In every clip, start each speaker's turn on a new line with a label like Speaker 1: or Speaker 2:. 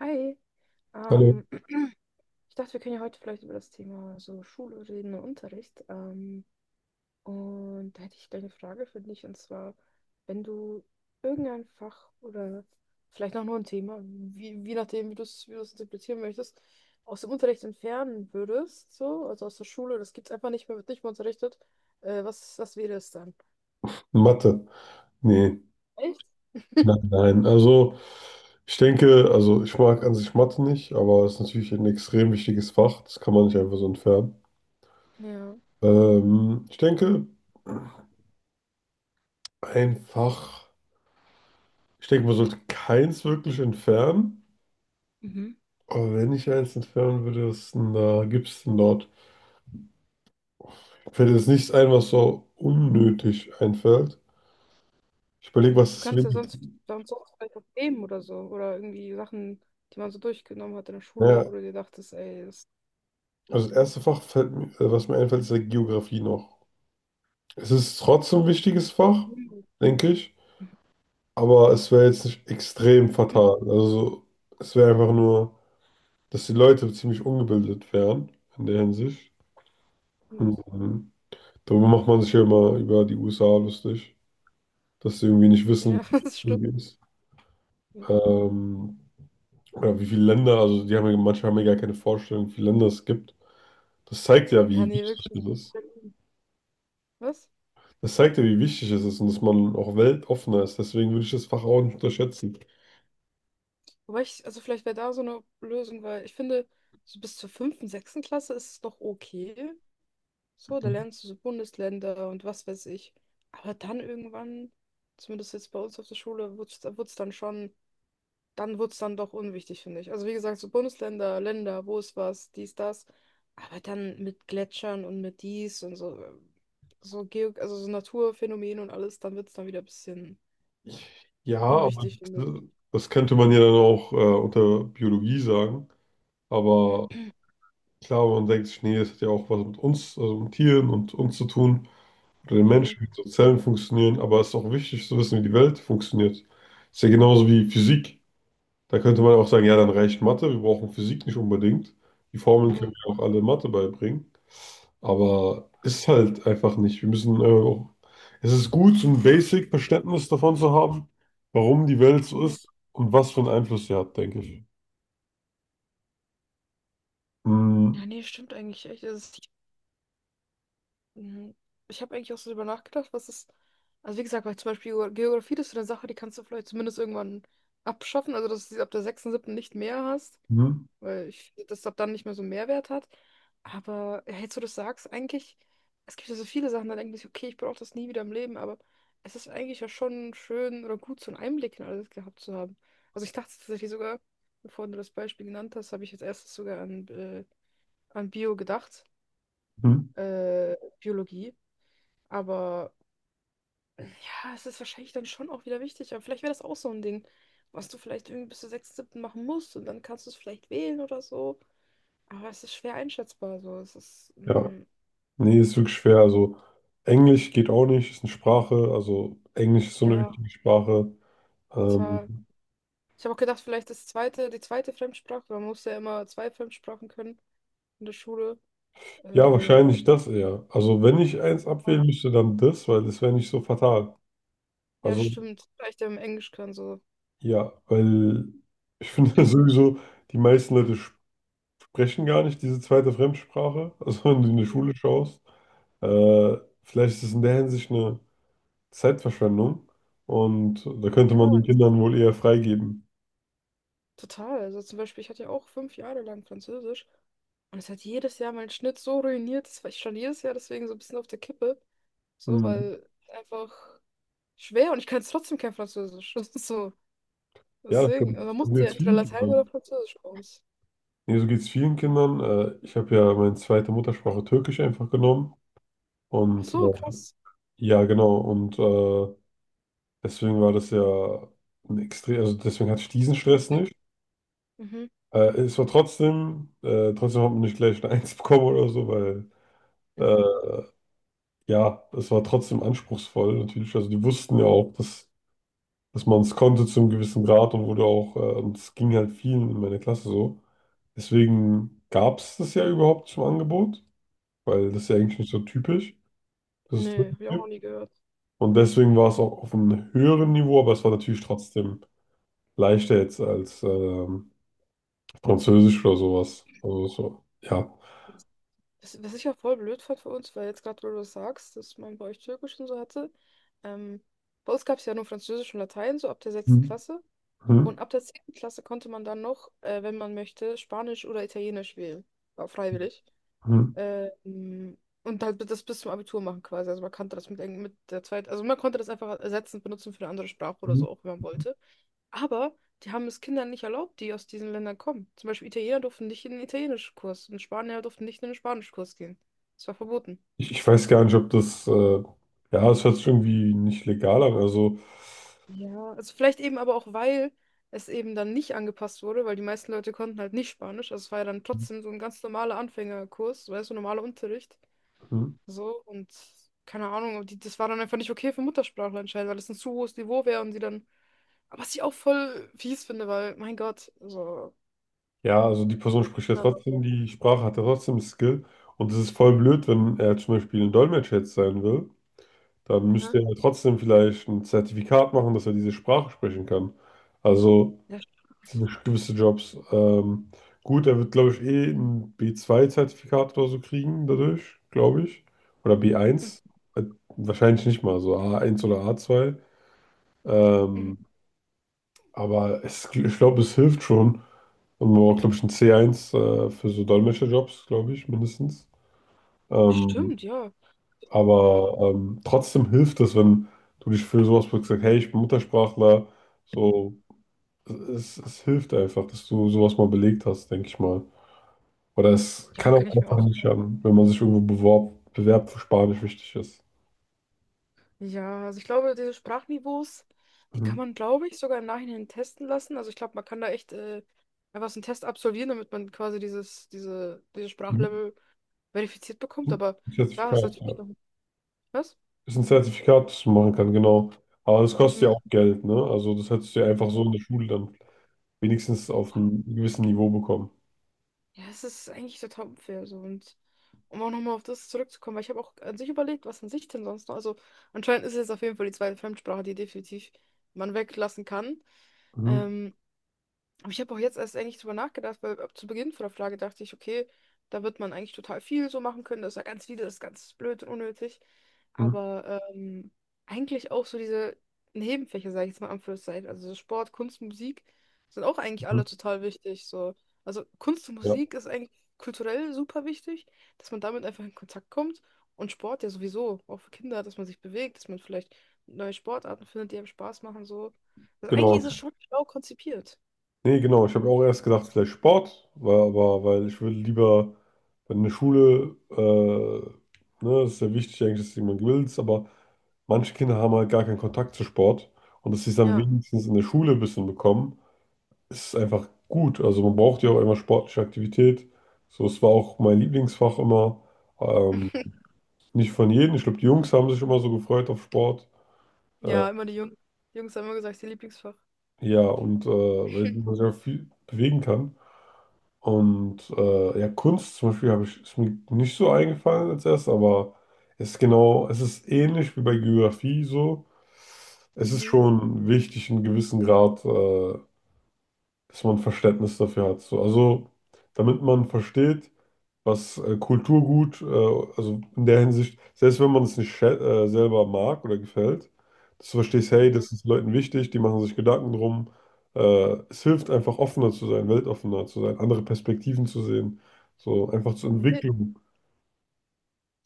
Speaker 1: Hi,
Speaker 2: Hallo,
Speaker 1: ähm, ich dachte, wir können ja heute vielleicht über das Thema so Schule reden und Unterricht. Und da hätte ich gleich eine Frage für dich, und zwar, wenn du irgendein Fach oder vielleicht auch nur ein Thema, wie nachdem, wie du es interpretieren möchtest, aus dem Unterricht entfernen würdest, so, also aus der Schule, das gibt es einfach nicht mehr, wird nicht mehr unterrichtet, was wäre es dann?
Speaker 2: Mathe. Nee,
Speaker 1: Echt?
Speaker 2: nein, nein. Also, ich denke, also ich mag an sich Mathe nicht, aber es ist natürlich ein extrem wichtiges Fach. Das kann man nicht einfach so entfernen.
Speaker 1: Ja.
Speaker 2: Ähm, ich denke, einfach, Ich denke, man sollte keins wirklich entfernen. Aber wenn ich eins entfernen würde, was denn da gibt es denn dort? Mir fällt jetzt nichts ein, was so unnötig einfällt. Ich überlege, was
Speaker 1: Du
Speaker 2: das
Speaker 1: kannst ja
Speaker 2: wenigste.
Speaker 1: sonst, sonst vielleicht auch Themen oder so. Oder irgendwie Sachen, die man so durchgenommen hat in der Schule, wo
Speaker 2: Naja,
Speaker 1: du dir dachtest, ey, das.
Speaker 2: also das erste Fach, was mir einfällt, ist ja Geografie noch. Es ist trotzdem ein wichtiges Fach, denke ich. Aber es wäre jetzt nicht extrem fatal. Also es wäre einfach nur, dass die Leute ziemlich ungebildet wären in der Hinsicht.
Speaker 1: Und
Speaker 2: Mhm. Darüber macht man sich ja immer über die USA lustig, dass sie irgendwie nicht wissen,
Speaker 1: ja,
Speaker 2: wie es
Speaker 1: das stimmt.
Speaker 2: so ist. Ähm, oder wie viele Länder, also die haben ja, manche haben ja gar keine Vorstellung, wie viele Länder es gibt. Das zeigt ja,
Speaker 1: Ja,
Speaker 2: wie
Speaker 1: nee,
Speaker 2: wichtig
Speaker 1: wirklich.
Speaker 2: es ist.
Speaker 1: Was?
Speaker 2: Das zeigt ja, wie wichtig es ist und dass man auch weltoffener ist. Deswegen würde ich das Fach auch nicht unterschätzen.
Speaker 1: Wobei ich, also vielleicht wäre da so eine Lösung, weil ich finde, so bis zur 5., 6. Klasse ist es noch okay. So, da lernst du so Bundesländer und was weiß ich. Aber dann irgendwann, zumindest jetzt bei uns auf der Schule, wurde es dann schon. Dann wird es dann doch unwichtig, finde ich. Also wie gesagt, so Bundesländer, Länder, wo ist was, dies, das. Aber dann mit Gletschern und mit dies und so, so Geo, also so Naturphänomen und alles, dann wird es dann wieder ein bisschen
Speaker 2: Ja, aber
Speaker 1: unwichtig, finde ich.
Speaker 2: das könnte man ja dann auch unter Biologie sagen. Aber klar, man denkt sich, nee, das hat ja auch was mit uns, also mit Tieren und uns zu tun, oder den
Speaker 1: Mhm,
Speaker 2: Menschen, wie unsere Zellen funktionieren. Aber es ist auch wichtig zu wissen, wie die Welt funktioniert. Ist ja genauso wie Physik. Da könnte man auch sagen, ja, dann reicht Mathe, wir brauchen Physik nicht unbedingt. Die Formeln
Speaker 1: mhm,
Speaker 2: können wir auch alle in Mathe beibringen. Aber ist halt einfach nicht. Wir müssen auch. Es ist gut, so ein Basic-Verständnis davon zu haben, warum die Welt so
Speaker 1: mhm.
Speaker 2: ist und was für einen Einfluss sie hat, denke ich.
Speaker 1: Ja,
Speaker 2: Mhm.
Speaker 1: nee, stimmt eigentlich echt. Es. Mhm. Ich habe eigentlich auch so drüber nachgedacht, was ist. Also wie gesagt, weil zum Beispiel Geografie, das ist so eine Sache, die kannst du vielleicht zumindest irgendwann abschaffen, also dass du sie ab der 6., 7. nicht mehr hast,
Speaker 2: Mhm.
Speaker 1: weil ich finde, dass das ab dann nicht mehr so einen Mehrwert hat. Aber ja, jetzt, wo du das sagst, eigentlich, es gibt ja so viele Sachen, da denkt man sich, okay, ich brauche das nie wieder im Leben, aber es ist eigentlich ja schon schön oder gut, so einen Einblick in alles gehabt zu haben. Also ich dachte tatsächlich sogar, bevor du das Beispiel genannt hast, habe ich als erstes sogar an Bio gedacht,
Speaker 2: Mhm.
Speaker 1: Biologie. Aber ja, es ist wahrscheinlich dann schon auch wieder wichtig. Aber vielleicht wäre das auch so ein Ding, was du vielleicht irgendwie bis zur 6., 7. machen musst und dann kannst du es vielleicht wählen oder so. Aber es ist schwer einschätzbar. So. Es ist
Speaker 2: Ja, nee, ist wirklich schwer. Also, Englisch geht auch nicht, ist eine Sprache. Also, Englisch ist so eine
Speaker 1: ja,
Speaker 2: wichtige Sprache.
Speaker 1: das war.
Speaker 2: Ähm,
Speaker 1: Ich habe auch gedacht, vielleicht das zweite, die zweite Fremdsprache. Man muss ja immer zwei Fremdsprachen können in der Schule.
Speaker 2: ja,
Speaker 1: Äh,
Speaker 2: wahrscheinlich das eher. Also, wenn ich eins abwählen müsste, dann das, weil das wäre nicht so fatal.
Speaker 1: ja,
Speaker 2: Also,
Speaker 1: stimmt. Vielleicht ja im Englisch kann so.
Speaker 2: ja, weil ich finde sowieso, die meisten Leute sprechen gar nicht diese zweite Fremdsprache. Also wenn du in die Schule schaust, äh, vielleicht ist es in der Hinsicht eine Zeitverschwendung und da könnte
Speaker 1: Ja,
Speaker 2: man den Kindern wohl eher freigeben.
Speaker 1: total. Also zum Beispiel, ich hatte ja auch 5 Jahre lang Französisch. Und es hat jedes Jahr meinen Schnitt so ruiniert, das war ich schon jedes Jahr deswegen so ein bisschen auf der Kippe. So,
Speaker 2: Hm.
Speaker 1: weil einfach schwer und ich kann jetzt trotzdem kein Französisch. Das ist so.
Speaker 2: Ja, das geht
Speaker 1: Deswegen, also man muss
Speaker 2: so
Speaker 1: ja
Speaker 2: geht's
Speaker 1: entweder
Speaker 2: vielen
Speaker 1: Latein oder
Speaker 2: Kindern.
Speaker 1: Französisch bei uns.
Speaker 2: Nee, so geht es vielen Kindern. Ich habe ja meine zweite Muttersprache Türkisch einfach genommen
Speaker 1: Ach
Speaker 2: und
Speaker 1: so, krass.
Speaker 2: ja, genau. Und deswegen war das ja also deswegen hatte ich diesen Stress nicht.
Speaker 1: Mhm,
Speaker 2: Es war trotzdem hat man nicht gleich eine Eins bekommen oder so, weil äh,
Speaker 1: mhm.
Speaker 2: ja, es war trotzdem anspruchsvoll natürlich. Also die wussten ja auch, dass man es konnte zu einem gewissen Grad und wurde auch, und es ging halt vielen in meiner Klasse so. Deswegen gab es das ja überhaupt zum Angebot, weil das ist ja eigentlich nicht so typisch, dass es das
Speaker 1: Nee, hab ich auch noch
Speaker 2: gibt.
Speaker 1: nie gehört.
Speaker 2: Und deswegen war es auch auf einem höheren Niveau, aber es war natürlich trotzdem leichter jetzt als Französisch oder sowas. Also so, ja.
Speaker 1: Was, was ich ja voll blöd fand für uns, weil jetzt gerade, wo du das sagst, dass man bei euch Türkisch und so hatte. Ähm, bei uns gab es ja nur Französisch und Latein, so ab der 6.
Speaker 2: Hm.
Speaker 1: Klasse. Und
Speaker 2: Hm.
Speaker 1: ab der 10. Klasse konnte man dann noch, wenn man möchte, Spanisch oder Italienisch wählen. War freiwillig. Ähm, und halt das bis zum Abitur machen quasi. Also man kannte das mit der zweiten, also man konnte das einfach ersetzend benutzen für eine andere Sprache oder
Speaker 2: Hm.
Speaker 1: so, auch wenn man wollte. Aber die haben es Kindern nicht erlaubt, die aus diesen Ländern kommen. Zum Beispiel Italiener durften nicht in den Italienischkurs und Spanier durften nicht in den Spanischkurs gehen. Das war verboten.
Speaker 2: Ich weiß gar nicht, ob das, ja, es hört sich irgendwie nicht legal an. Also,
Speaker 1: Ja, also vielleicht eben aber auch, weil es eben dann nicht angepasst wurde, weil die meisten Leute konnten halt nicht Spanisch. Also es war ja dann
Speaker 2: hm,
Speaker 1: trotzdem so ein ganz normaler Anfängerkurs, weißt du, normaler Unterricht.
Speaker 2: hm,
Speaker 1: So, und keine Ahnung, aber die, das war dann einfach nicht okay für Muttersprachler anscheinend, weil das ein zu hohes Niveau wäre und sie dann. Aber was ich auch voll fies finde, weil, mein Gott, so.
Speaker 2: ja, also die Person spricht ja
Speaker 1: Na, war
Speaker 2: trotzdem
Speaker 1: das.
Speaker 2: die Sprache, hat ja trotzdem Skill. Und es ist voll blöd, wenn er zum Beispiel ein Dolmetscher jetzt sein will, dann
Speaker 1: Aha.
Speaker 2: müsste er trotzdem vielleicht ein Zertifikat machen, dass er diese Sprache sprechen kann. Also
Speaker 1: Ja, stimmt.
Speaker 2: für gewisse Jobs. Gut, er wird, glaube ich, eh ein B2 Zertifikat oder so kriegen dadurch, glaube ich. Oder b
Speaker 1: Mhm.
Speaker 2: eins Äh, Wahrscheinlich nicht mal, so A1 oder A2.
Speaker 1: Mhm.
Speaker 2: Ähm, Aber es, ich glaube, es hilft schon. Und man braucht, glaube ich, ein C1 für so Dolmetscherjobs, glaube ich, mindestens. Ähm,
Speaker 1: Stimmt, ja. Ja,
Speaker 2: aber trotzdem hilft es, wenn du dich für sowas bewirbst, sagst, hey, ich bin Muttersprachler. So, es hilft einfach, dass du sowas mal belegt hast, denke ich mal. Oder es
Speaker 1: ja,
Speaker 2: kann auch
Speaker 1: kann ich mir
Speaker 2: einfach
Speaker 1: auch.
Speaker 2: nicht schaden, wenn man sich irgendwo bewerbt, wo Spanisch wichtig ist.
Speaker 1: Ja, also ich glaube, diese Sprachniveaus, die kann
Speaker 2: Mhm.
Speaker 1: man, glaube ich, sogar im Nachhinein testen lassen. Also ich glaube, man kann da echt einfach so einen Test absolvieren, damit man quasi dieses
Speaker 2: Mhm.
Speaker 1: Sprachlevel verifiziert bekommt. Aber klar, ist
Speaker 2: Zertifikat, ja,
Speaker 1: natürlich noch. Was?
Speaker 2: ist ein Zertifikat, das man machen kann, genau. Aber das, ja, kostet ja
Speaker 1: Mhm.
Speaker 2: auch Geld, ne? Also das hättest du ja einfach so in
Speaker 1: Ja.
Speaker 2: der Schule dann wenigstens auf einem gewissen Niveau bekommen.
Speaker 1: Ja, es ist eigentlich total unfair so. Und um auch nochmal auf das zurückzukommen, weil ich habe auch an sich überlegt, was an sich denn sonst noch. Also anscheinend ist es jetzt auf jeden Fall die zweite Fremdsprache, die definitiv man weglassen kann.
Speaker 2: Mhm.
Speaker 1: Ähm, aber ich habe auch jetzt erst eigentlich drüber nachgedacht, weil ab zu Beginn von der Frage dachte ich, okay, da wird man eigentlich total viel so machen können. Das ist ja ganz wieder das ist ganz blöd und unnötig.
Speaker 2: Mhm.
Speaker 1: Aber eigentlich auch so diese Nebenfächer, sage ich jetzt mal in Anführungszeichen, also so Sport, Kunst, Musik, sind auch eigentlich
Speaker 2: Mhm.
Speaker 1: alle total wichtig. So. Also Kunst und
Speaker 2: Ja,
Speaker 1: Musik ist eigentlich kulturell super wichtig, dass man damit einfach in Kontakt kommt. Und Sport ja sowieso, auch für Kinder, dass man sich bewegt, dass man vielleicht neue Sportarten findet, die einem Spaß machen. So. Also eigentlich
Speaker 2: genau.
Speaker 1: ist es schon schlau konzipiert.
Speaker 2: Nee, genau. Ich habe auch erst gedacht, vielleicht Sport, weil ich würde lieber, wenn eine Schule, ne, ist ja wichtig eigentlich, dass jemand will, aber manche Kinder haben halt gar keinen Kontakt zu Sport und dass sie es dann
Speaker 1: Ja.
Speaker 2: wenigstens in der Schule ein bisschen bekommen. Ist einfach gut. Also man braucht ja auch immer sportliche Aktivität. So, es war auch mein Lieblingsfach immer. Ähm, Nicht von jedem. Ich glaube, die Jungs haben sich immer so gefreut auf Sport. Äh,
Speaker 1: Ja, immer die Jungs. Die Jungs haben immer gesagt, das ist ihr Lieblingsfach.
Speaker 2: ja, und weil man sich auch viel bewegen kann. Und ja, Kunst zum Beispiel habe ich, ist mir nicht so eingefallen als erst, aber es ist genau, es ist ähnlich wie bei Geografie so. Es ist
Speaker 1: Mhm.
Speaker 2: schon wichtig, einen gewissen Grad, dass man Verständnis dafür hat. So, also, damit man versteht, was Kulturgut, also in der Hinsicht, selbst wenn man es nicht selber mag oder gefällt, dass du verstehst, hey,
Speaker 1: Mhm.
Speaker 2: das ist Leuten wichtig, die machen sich Gedanken drum. Es hilft einfach offener zu sein, weltoffener zu sein, andere Perspektiven zu sehen, so einfach zur Entwicklung.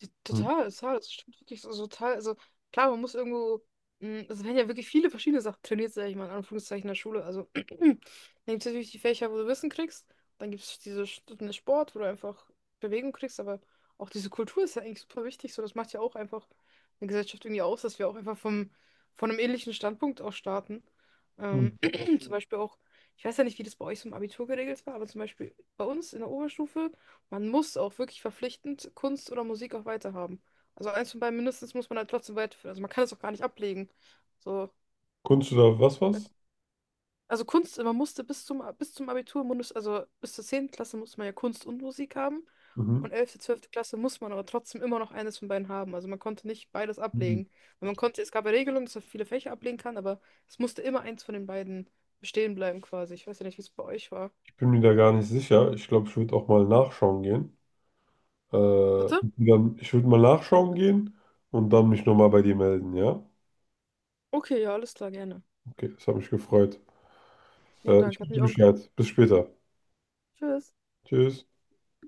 Speaker 1: Ja,
Speaker 2: Mhm.
Speaker 1: total, total, das stimmt wirklich so, so total. Also klar, man muss irgendwo, es werden ja wirklich viele verschiedene Sachen trainiert, sag ich mal, in Anführungszeichen in der Schule. Also dann gibt es natürlich die Fächer, wo du Wissen kriegst, dann gibt es diese Stunden Sport, wo du einfach Bewegung kriegst, aber auch diese Kultur ist ja eigentlich super wichtig. So, das macht ja auch einfach eine Gesellschaft irgendwie aus, dass wir auch einfach von einem ähnlichen Standpunkt aus starten.
Speaker 2: Mhm.
Speaker 1: Ähm, zum Beispiel auch, ich weiß ja nicht, wie das bei euch so im Abitur geregelt war, aber zum Beispiel bei uns in der Oberstufe. Man muss auch wirklich verpflichtend Kunst oder Musik auch weiterhaben. Also eins von beiden mindestens muss man halt trotzdem weiterführen. Also man kann es auch gar nicht ablegen. So,
Speaker 2: Kunst oder was
Speaker 1: ich weiß-
Speaker 2: was?
Speaker 1: also Kunst, man musste bis zum Abitur, also bis zur 10. Klasse musste man ja Kunst und Musik haben.
Speaker 2: Mhm.
Speaker 1: Und 11. 12. Klasse muss man aber trotzdem immer noch eines von beiden haben. Also man konnte nicht beides
Speaker 2: Mhm.
Speaker 1: ablegen. Weil man konnte, es gab ja Regelungen, dass man viele Fächer ablegen kann, aber es musste immer eins von den beiden bestehen bleiben quasi. Ich weiß ja nicht, wie es bei euch war.
Speaker 2: Ich bin mir da gar nicht sicher. Ich glaube, ich würde auch mal nachschauen gehen.
Speaker 1: Bitte?
Speaker 2: Und dann, ich würde mal nachschauen gehen und dann mich nochmal bei dir melden, ja?
Speaker 1: Okay, ja, alles klar, gerne.
Speaker 2: Okay, das hat mich gefreut.
Speaker 1: Ja,
Speaker 2: Ich
Speaker 1: danke, hat
Speaker 2: gebe
Speaker 1: mich
Speaker 2: dir
Speaker 1: auch.
Speaker 2: Bescheid. Bis später.
Speaker 1: Tschüss.
Speaker 2: Tschüss.